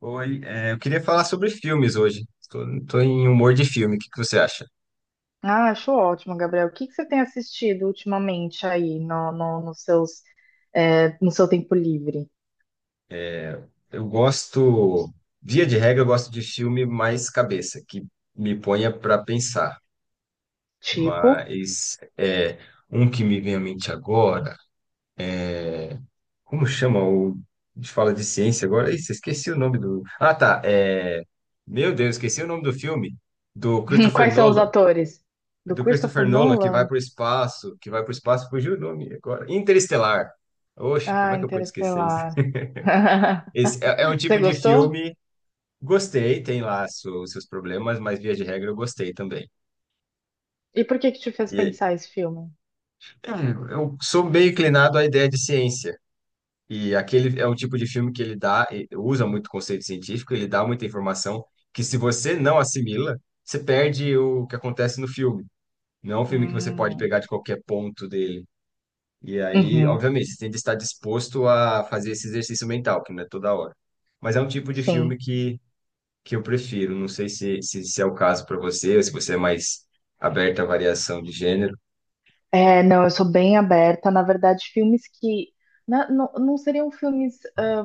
Oi, eu queria falar sobre filmes hoje. Tô em humor de filme. O que que você acha? Ah, acho ótimo, Gabriel. O que que você tem assistido ultimamente aí no seu tempo livre? Eu gosto, via de regra, eu gosto de filme mais cabeça, que me ponha para pensar. Tipo, Mas é um que me vem à mente agora. Como chama o? A gente fala de ciência agora. Ih, esqueci o nome do. Ah, tá. Meu Deus, esqueci o nome do filme do Christopher quais são os Nolan. atores? Do Do Christopher Christopher Nolan que vai Nolan? para o espaço, que vai para o espaço. Fugiu o nome agora. Interestelar. Oxe, como Ah, é que eu pude esquecer isso? Interestelar. Esse é um Você tipo de gostou? filme, gostei, tem lá seus problemas, mas via de regra eu gostei também. E por que que te fez E pensar esse filme? é, eu sou bem inclinado à ideia de ciência. E aquele é um tipo de filme que ele dá, e usa muito conceito científico, ele dá muita informação que, se você não assimila, você perde o que acontece no filme. Não é um filme que você pode Hum, pegar de qualquer ponto dele. E aí, uhum, obviamente, você tem que estar disposto a fazer esse exercício mental, que não é toda hora. Mas é um tipo de filme sim. que eu prefiro. Não sei se é o caso para você, ou se você é mais aberta à variação de gênero. É, não, eu sou bem aberta. Na verdade, filmes que não seriam filmes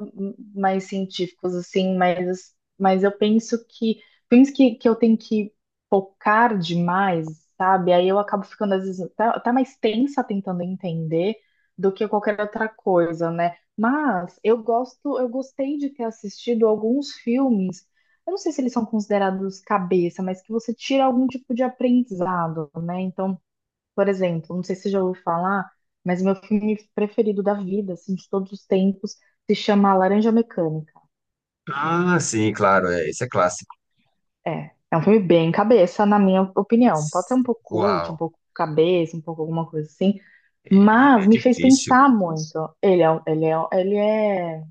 mais científicos, assim, mas eu penso que filmes que eu tenho que focar demais, sabe? Aí eu acabo ficando, às vezes, até mais tensa tentando entender do que qualquer outra coisa, né? Mas eu gostei de ter assistido alguns filmes. Eu não sei se eles são considerados cabeça, mas que você tira algum tipo de aprendizado, né? Então. Por exemplo, não sei se você já ouviu falar, mas meu filme preferido da vida, assim, de todos os tempos, se chama Laranja Mecânica. Ah, sim, claro, é, esse é clássico. É um filme bem cabeça, na minha opinião. Pode ser um pouco cult, um Uau, pouco cabeça, um pouco alguma coisa assim, ele é mas me fez difícil. pensar muito. Ele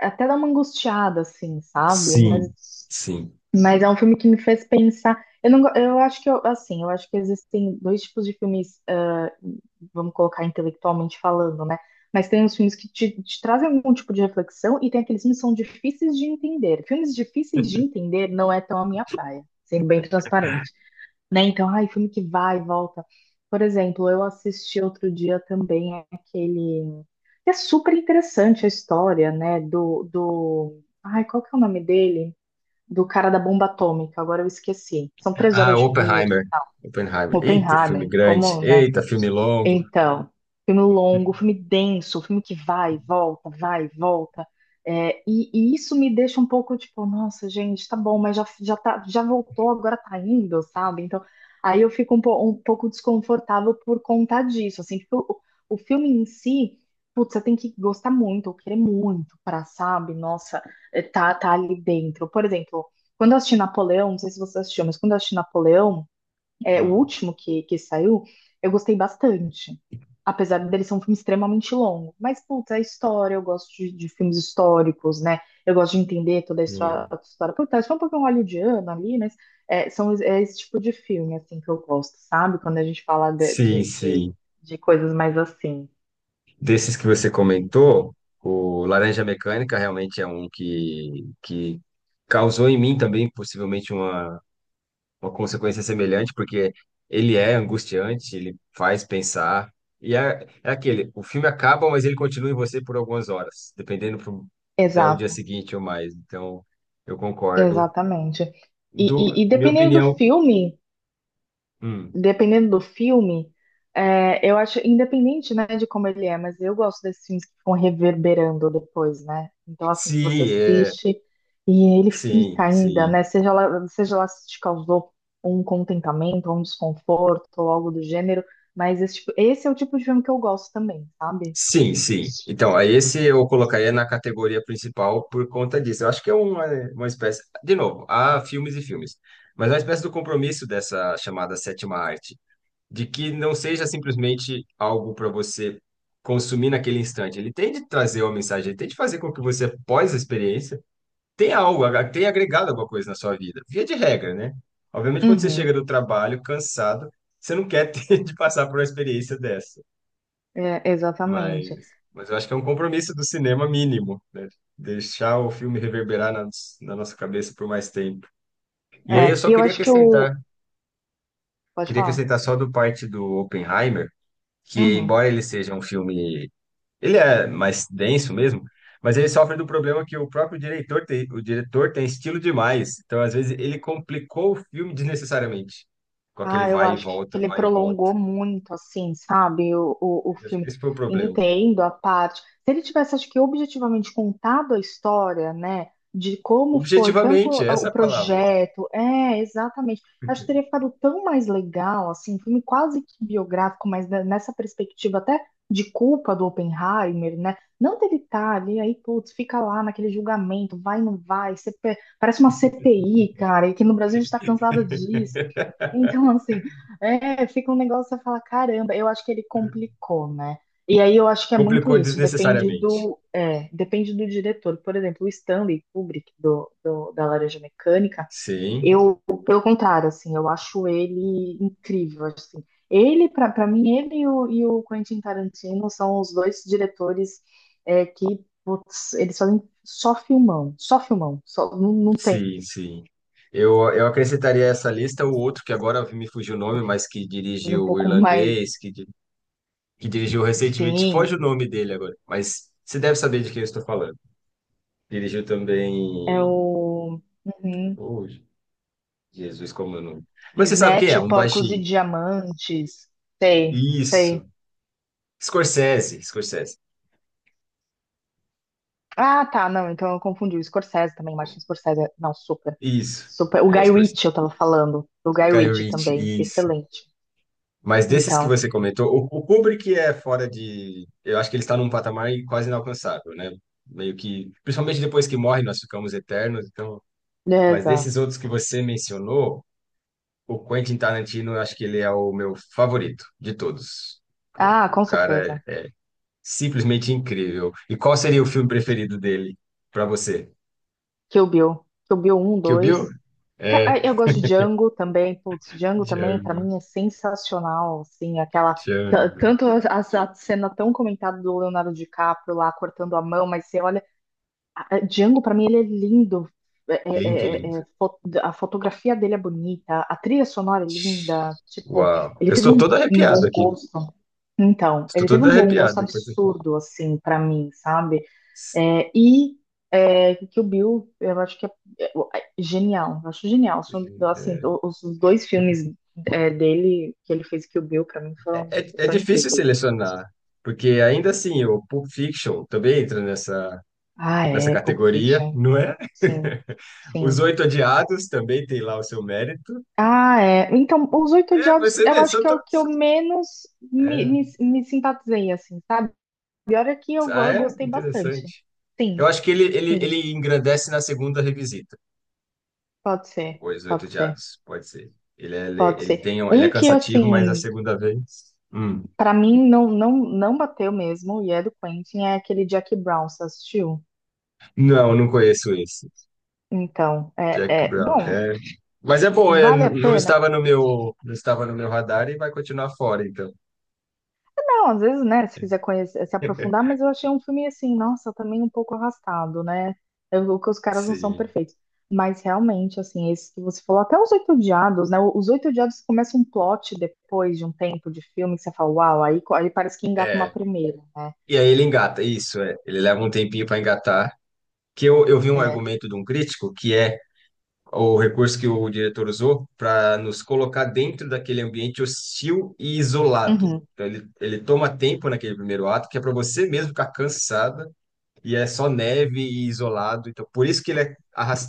até dá uma angustiada, assim, sabe? Sim, Mas, sim. mas é um filme que me fez pensar. Eu não, go- Eu acho que existem dois tipos de filmes, vamos colocar intelectualmente falando, né? Mas tem os filmes que te trazem algum tipo de reflexão e tem aqueles filmes que são difíceis de entender. Filmes difíceis de entender não é tão a minha praia, sendo bem transparente, né? Então, ai, filme que vai e volta. Por exemplo, eu assisti outro dia também aquele que é super interessante a história, né, Ai, qual que é o nome dele? Do cara da bomba atômica, agora eu esqueci. São três Ah, horas de filme, e Oppenheimer. tal. Oppenheimer. Eita, filme Oppenheimer, grande. como, né, Eita, filme longo. então, filme longo, filme denso, filme que vai, volta, vai, volta. É, e isso me deixa um pouco tipo, nossa, gente, tá bom, mas tá, já voltou, agora tá indo, sabe? Então, aí eu fico um pouco desconfortável por conta disso, assim, porque o filme em si, putz, você tem que gostar muito, ou querer muito pra, sabe? Nossa, tá ali dentro. Por exemplo, quando eu assisti Napoleão, não sei se você assistiu, mas quando eu assisti Napoleão, o Hum, último que saiu, eu gostei bastante. Apesar dele ser um filme extremamente longo. Mas, puta, a história, eu gosto de filmes históricos, né? Eu gosto de entender toda a história. sim. A história. Puta, é só um pouquinho hollywoodiano ali, mas é esse tipo de filme, assim, que eu gosto, sabe? Quando a gente fala de, Sim, de, de, sim. de coisas mais assim. Desses que você comentou, o Laranja Mecânica realmente é um que causou em mim também, possivelmente, uma consequência semelhante, porque ele é angustiante, ele faz pensar. É aquele, o filme acaba, mas ele continua em você por algumas horas, dependendo pro, até o dia Exato, seguinte ou mais. Então, eu concordo. exatamente. E, Do, e minha dependendo do opinião, filme. hum, dependendo do filme, eu acho, independente, né, de como ele é, mas eu gosto desses filmes que ficam reverberando depois, né? Então, assim, que você sim, é, assiste e ele sim, fica ainda, sim. né? Seja lá se te causou um contentamento, um desconforto, ou algo do gênero, mas esse é o tipo de filme que eu gosto também, sabe? Sim, sim. Então, aí esse eu colocaria na categoria principal por conta disso. Eu acho que é uma espécie, de novo, há filmes e filmes, mas é uma espécie do compromisso dessa chamada sétima arte, de que não seja simplesmente algo para você consumir naquele instante. Ele tem de trazer uma mensagem, ele tem de fazer com que você, após a experiência, tenha algo, tenha agregado alguma coisa na sua vida. Via de regra, né? Obviamente, quando você Uhum, chega do trabalho cansado, você não quer ter de passar por uma experiência dessa. é, exatamente. Mas eu acho que é um compromisso do cinema mínimo, né? Deixar o filme reverberar na nossa cabeça por mais tempo. E aí eu É, só e eu acho que o. Pode queria falar? acrescentar só do parte do Oppenheimer, que, Uhum. embora ele seja um filme, ele é mais denso mesmo, mas ele sofre do problema que o próprio diretor tem, o diretor tem estilo demais. Então, às vezes, ele complicou o filme desnecessariamente, com aquele Ah, eu vai e acho que volta, ele vai e volta. prolongou muito, assim, sabe, o Eu acho que filme. esse foi o problema. Entendo a parte. Se ele tivesse, acho que objetivamente contado a história, né, de como foi, tanto Objetivamente, essa o é a palavra. projeto, é, exatamente. Acho que teria ficado tão mais legal, assim, um filme quase que biográfico, mas nessa perspectiva até de culpa do Oppenheimer, né? Não dele estar ali, aí, putz, fica lá naquele julgamento, vai, não vai, CP parece uma CPI, cara, e que no Brasil a gente tá cansado disso. Então, assim, fica um negócio, você fala, caramba, eu acho que ele complicou, né? E aí eu acho que é muito Complicou isso, desnecessariamente. Depende do diretor. Por exemplo, o Stanley Kubrick, da Laranja Mecânica, Sim, eu, pelo contrário, assim, eu acho ele incrível, assim. Ele, pra mim, ele e o Quentin Tarantino são os dois diretores, que, putz, eles fazem só filmão, só filmão, só, não tem sim, sim. Eu acrescentaria a essa lista o outro que agora me fugiu o nome, mas que um dirigiu o pouco mais, irlandês, que dirigiu recentemente, enfim. foge o nome dele agora, mas você deve saber de quem eu estou falando. Dirigiu É também. o uhum. Oh, Jesus, como é o nome? Mas você sabe quem Snatch, é, um Porcos e baixinho. Diamantes. Sei, Isso. sei. Scorsese. Ah, tá, não, então eu confundi. O Scorsese também, Martin Scorsese. Não, super. Isso. Super. O É o Guy Ritchie Scorsese. eu tava falando. O Guy Guy Ritchie também, Ritchie, isso. excelente. Mas desses que Então, você comentou, o Kubrick é fora de. Eu acho que ele está num patamar quase inalcançável, né? Meio que. Principalmente depois que morre, nós ficamos eternos, então. Mas beleza. desses outros que você mencionou, o Quentin Tarantino, eu acho que ele é o meu favorito de todos. Ah, O com cara certeza. é simplesmente incrível. E qual seria o filme preferido dele para você? Kill Bill. Kill Bill um, Kill Bill? dois. É, Eu gosto de Django também. Putz, Django também, pra Django, mim, é sensacional. Assim, aquela. Django. Tanto a cena tão comentada do Leonardo DiCaprio lá cortando a mão, mas você olha Django, pra mim, ele é lindo. Lindo, lindo. A fotografia dele é bonita, a trilha sonora é linda. Tipo, Uau. ele Eu teve estou todo um arrepiado bom aqui. gosto. Então, Estou ele teve todo um bom gosto arrepiado enquanto você fala. absurdo, assim, pra mim, sabe? É, e Kill Bill, eu acho que é- é genial. Eu acho genial. Assim, É, os dois filmes, dele, que ele fez Kill Bill, pra mim, é são difícil incríveis. selecionar, porque ainda assim, o Pulp Fiction também entra Ah, nessa é, Pulp categoria, Fiction. não é? Sim, Os sim. Oito Odiados também tem lá o seu mérito. Ah, é. Então, Os Oito É, Odiados, você eu vê, acho só que é tô... o que eu menos me, é. me, me simpatizei, assim, sabe? E olha que Ah, eu é? gostei bastante. Interessante. Sim, Eu acho que ele, ele, sim, ele engrandece na segunda revisita, pode ser, Os Oito pode ser, Odiados, pode ser. Ele é, pode ele ser. tem, ele é Um que, cansativo, mas a assim, segunda vez.... pra mim não bateu mesmo, e é do Quentin, é aquele Jack Brown, você assistiu? Não, não conheço esse. Então, Jack Brown, bom, é... Mas é bom, é, vale a não pena? estava no meu, não estava no meu radar e vai continuar fora, então. Não, às vezes, né, se quiser conhecer, se aprofundar, mas eu achei um filme assim, nossa, também um pouco arrastado, né? Eu, que os caras não são Sim. perfeitos. Mas realmente, assim, esse que você falou, até os Oito Odiados, né? Os Oito Odiados começa um plot depois de um tempo de filme que você fala, uau, aí, aí parece que engata uma É. primeira, né? E aí ele engata, isso, é. Ele leva um tempinho para engatar. Que eu vi um É. argumento de um crítico que é o recurso que o diretor usou para nos colocar dentro daquele ambiente hostil e isolado. Uhum. Então, ele toma tempo naquele primeiro ato, que é para você mesmo ficar cansada, e é só neve e isolado. Então, por isso que ele é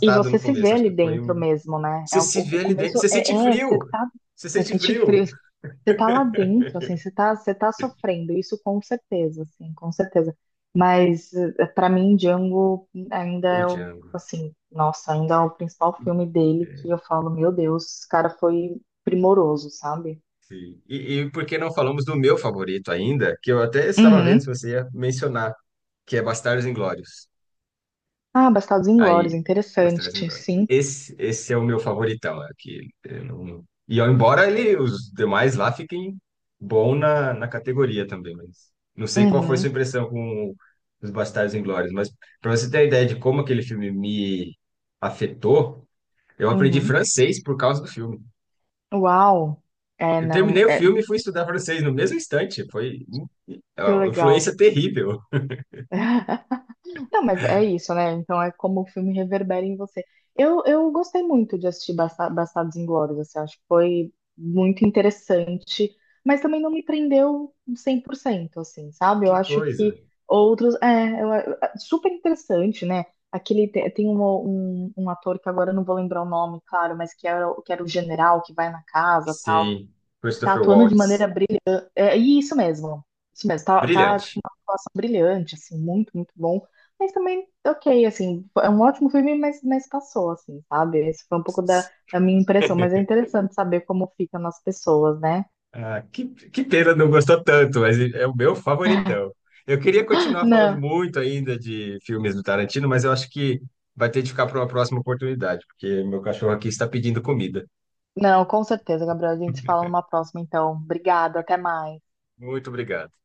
E você no se vê começo. Acho que ali foi dentro um. mesmo, né? Você É, o, se vê o ali dentro, começo você sente é, você frio! tá, Você você sente sente frio! frio, você tá lá dentro, assim, você tá sofrendo, isso com certeza, assim, com certeza. Mas pra mim, Django ainda O é o, Django. assim, nossa, ainda é o principal filme dele É, que eu falo, meu Deus, esse cara foi primoroso, sabe? sim. E e por que não falamos do meu favorito ainda, que eu até estava vendo se Uhum. você ia mencionar, que é Bastardos Inglórios. Ah, Bastardos Inglórios, Aí, Bastardos interessante, Inglórios. sim. Esse é o meu favoritão, é que eu não- E ó, embora ele, os demais lá fiquem bom na categoria também, mas não sei qual foi sua Uhum, impressão com os Bastardos Inglórios, mas para você ter a ideia de como aquele filme me afetou, eu aprendi uhum. francês por causa do filme. Uau! É, Eu não, terminei o é, filme e fui estudar francês no mesmo instante. Foi é que uma legal. influência terrível. Não, mas é isso, né? Então é como o filme reverbera em você. Eu gostei muito de assistir Bastardos Inglórios, assim, acho que foi muito interessante, mas também não me prendeu 100%, assim, sabe? Eu Que acho que coisa. outros... É, é super interessante, né? Aquele... Tem um ator que agora eu não vou lembrar o nome, claro, mas que era, que era o general que vai na casa, tal, Sim, tá Christopher atuando de maneira Waltz. brilhante. É, e isso mesmo. Isso mesmo. Tá Brilhante. com uma atuação brilhante, assim, muito, muito bom. Mas também, ok, assim, é um ótimo filme, mas passou, assim, sabe? Esse foi um pouco da minha impressão, mas é interessante saber como fica nas pessoas, né? Ah, que pena não gostou tanto, mas é o meu favoritão. Eu queria continuar falando Não, muito ainda de filmes do Tarantino, mas eu acho que vai ter de ficar para uma próxima oportunidade, porque meu cachorro aqui está pedindo comida. não, com certeza, Gabriel. A gente se fala numa próxima, então. Obrigada, até mais. Muito obrigado.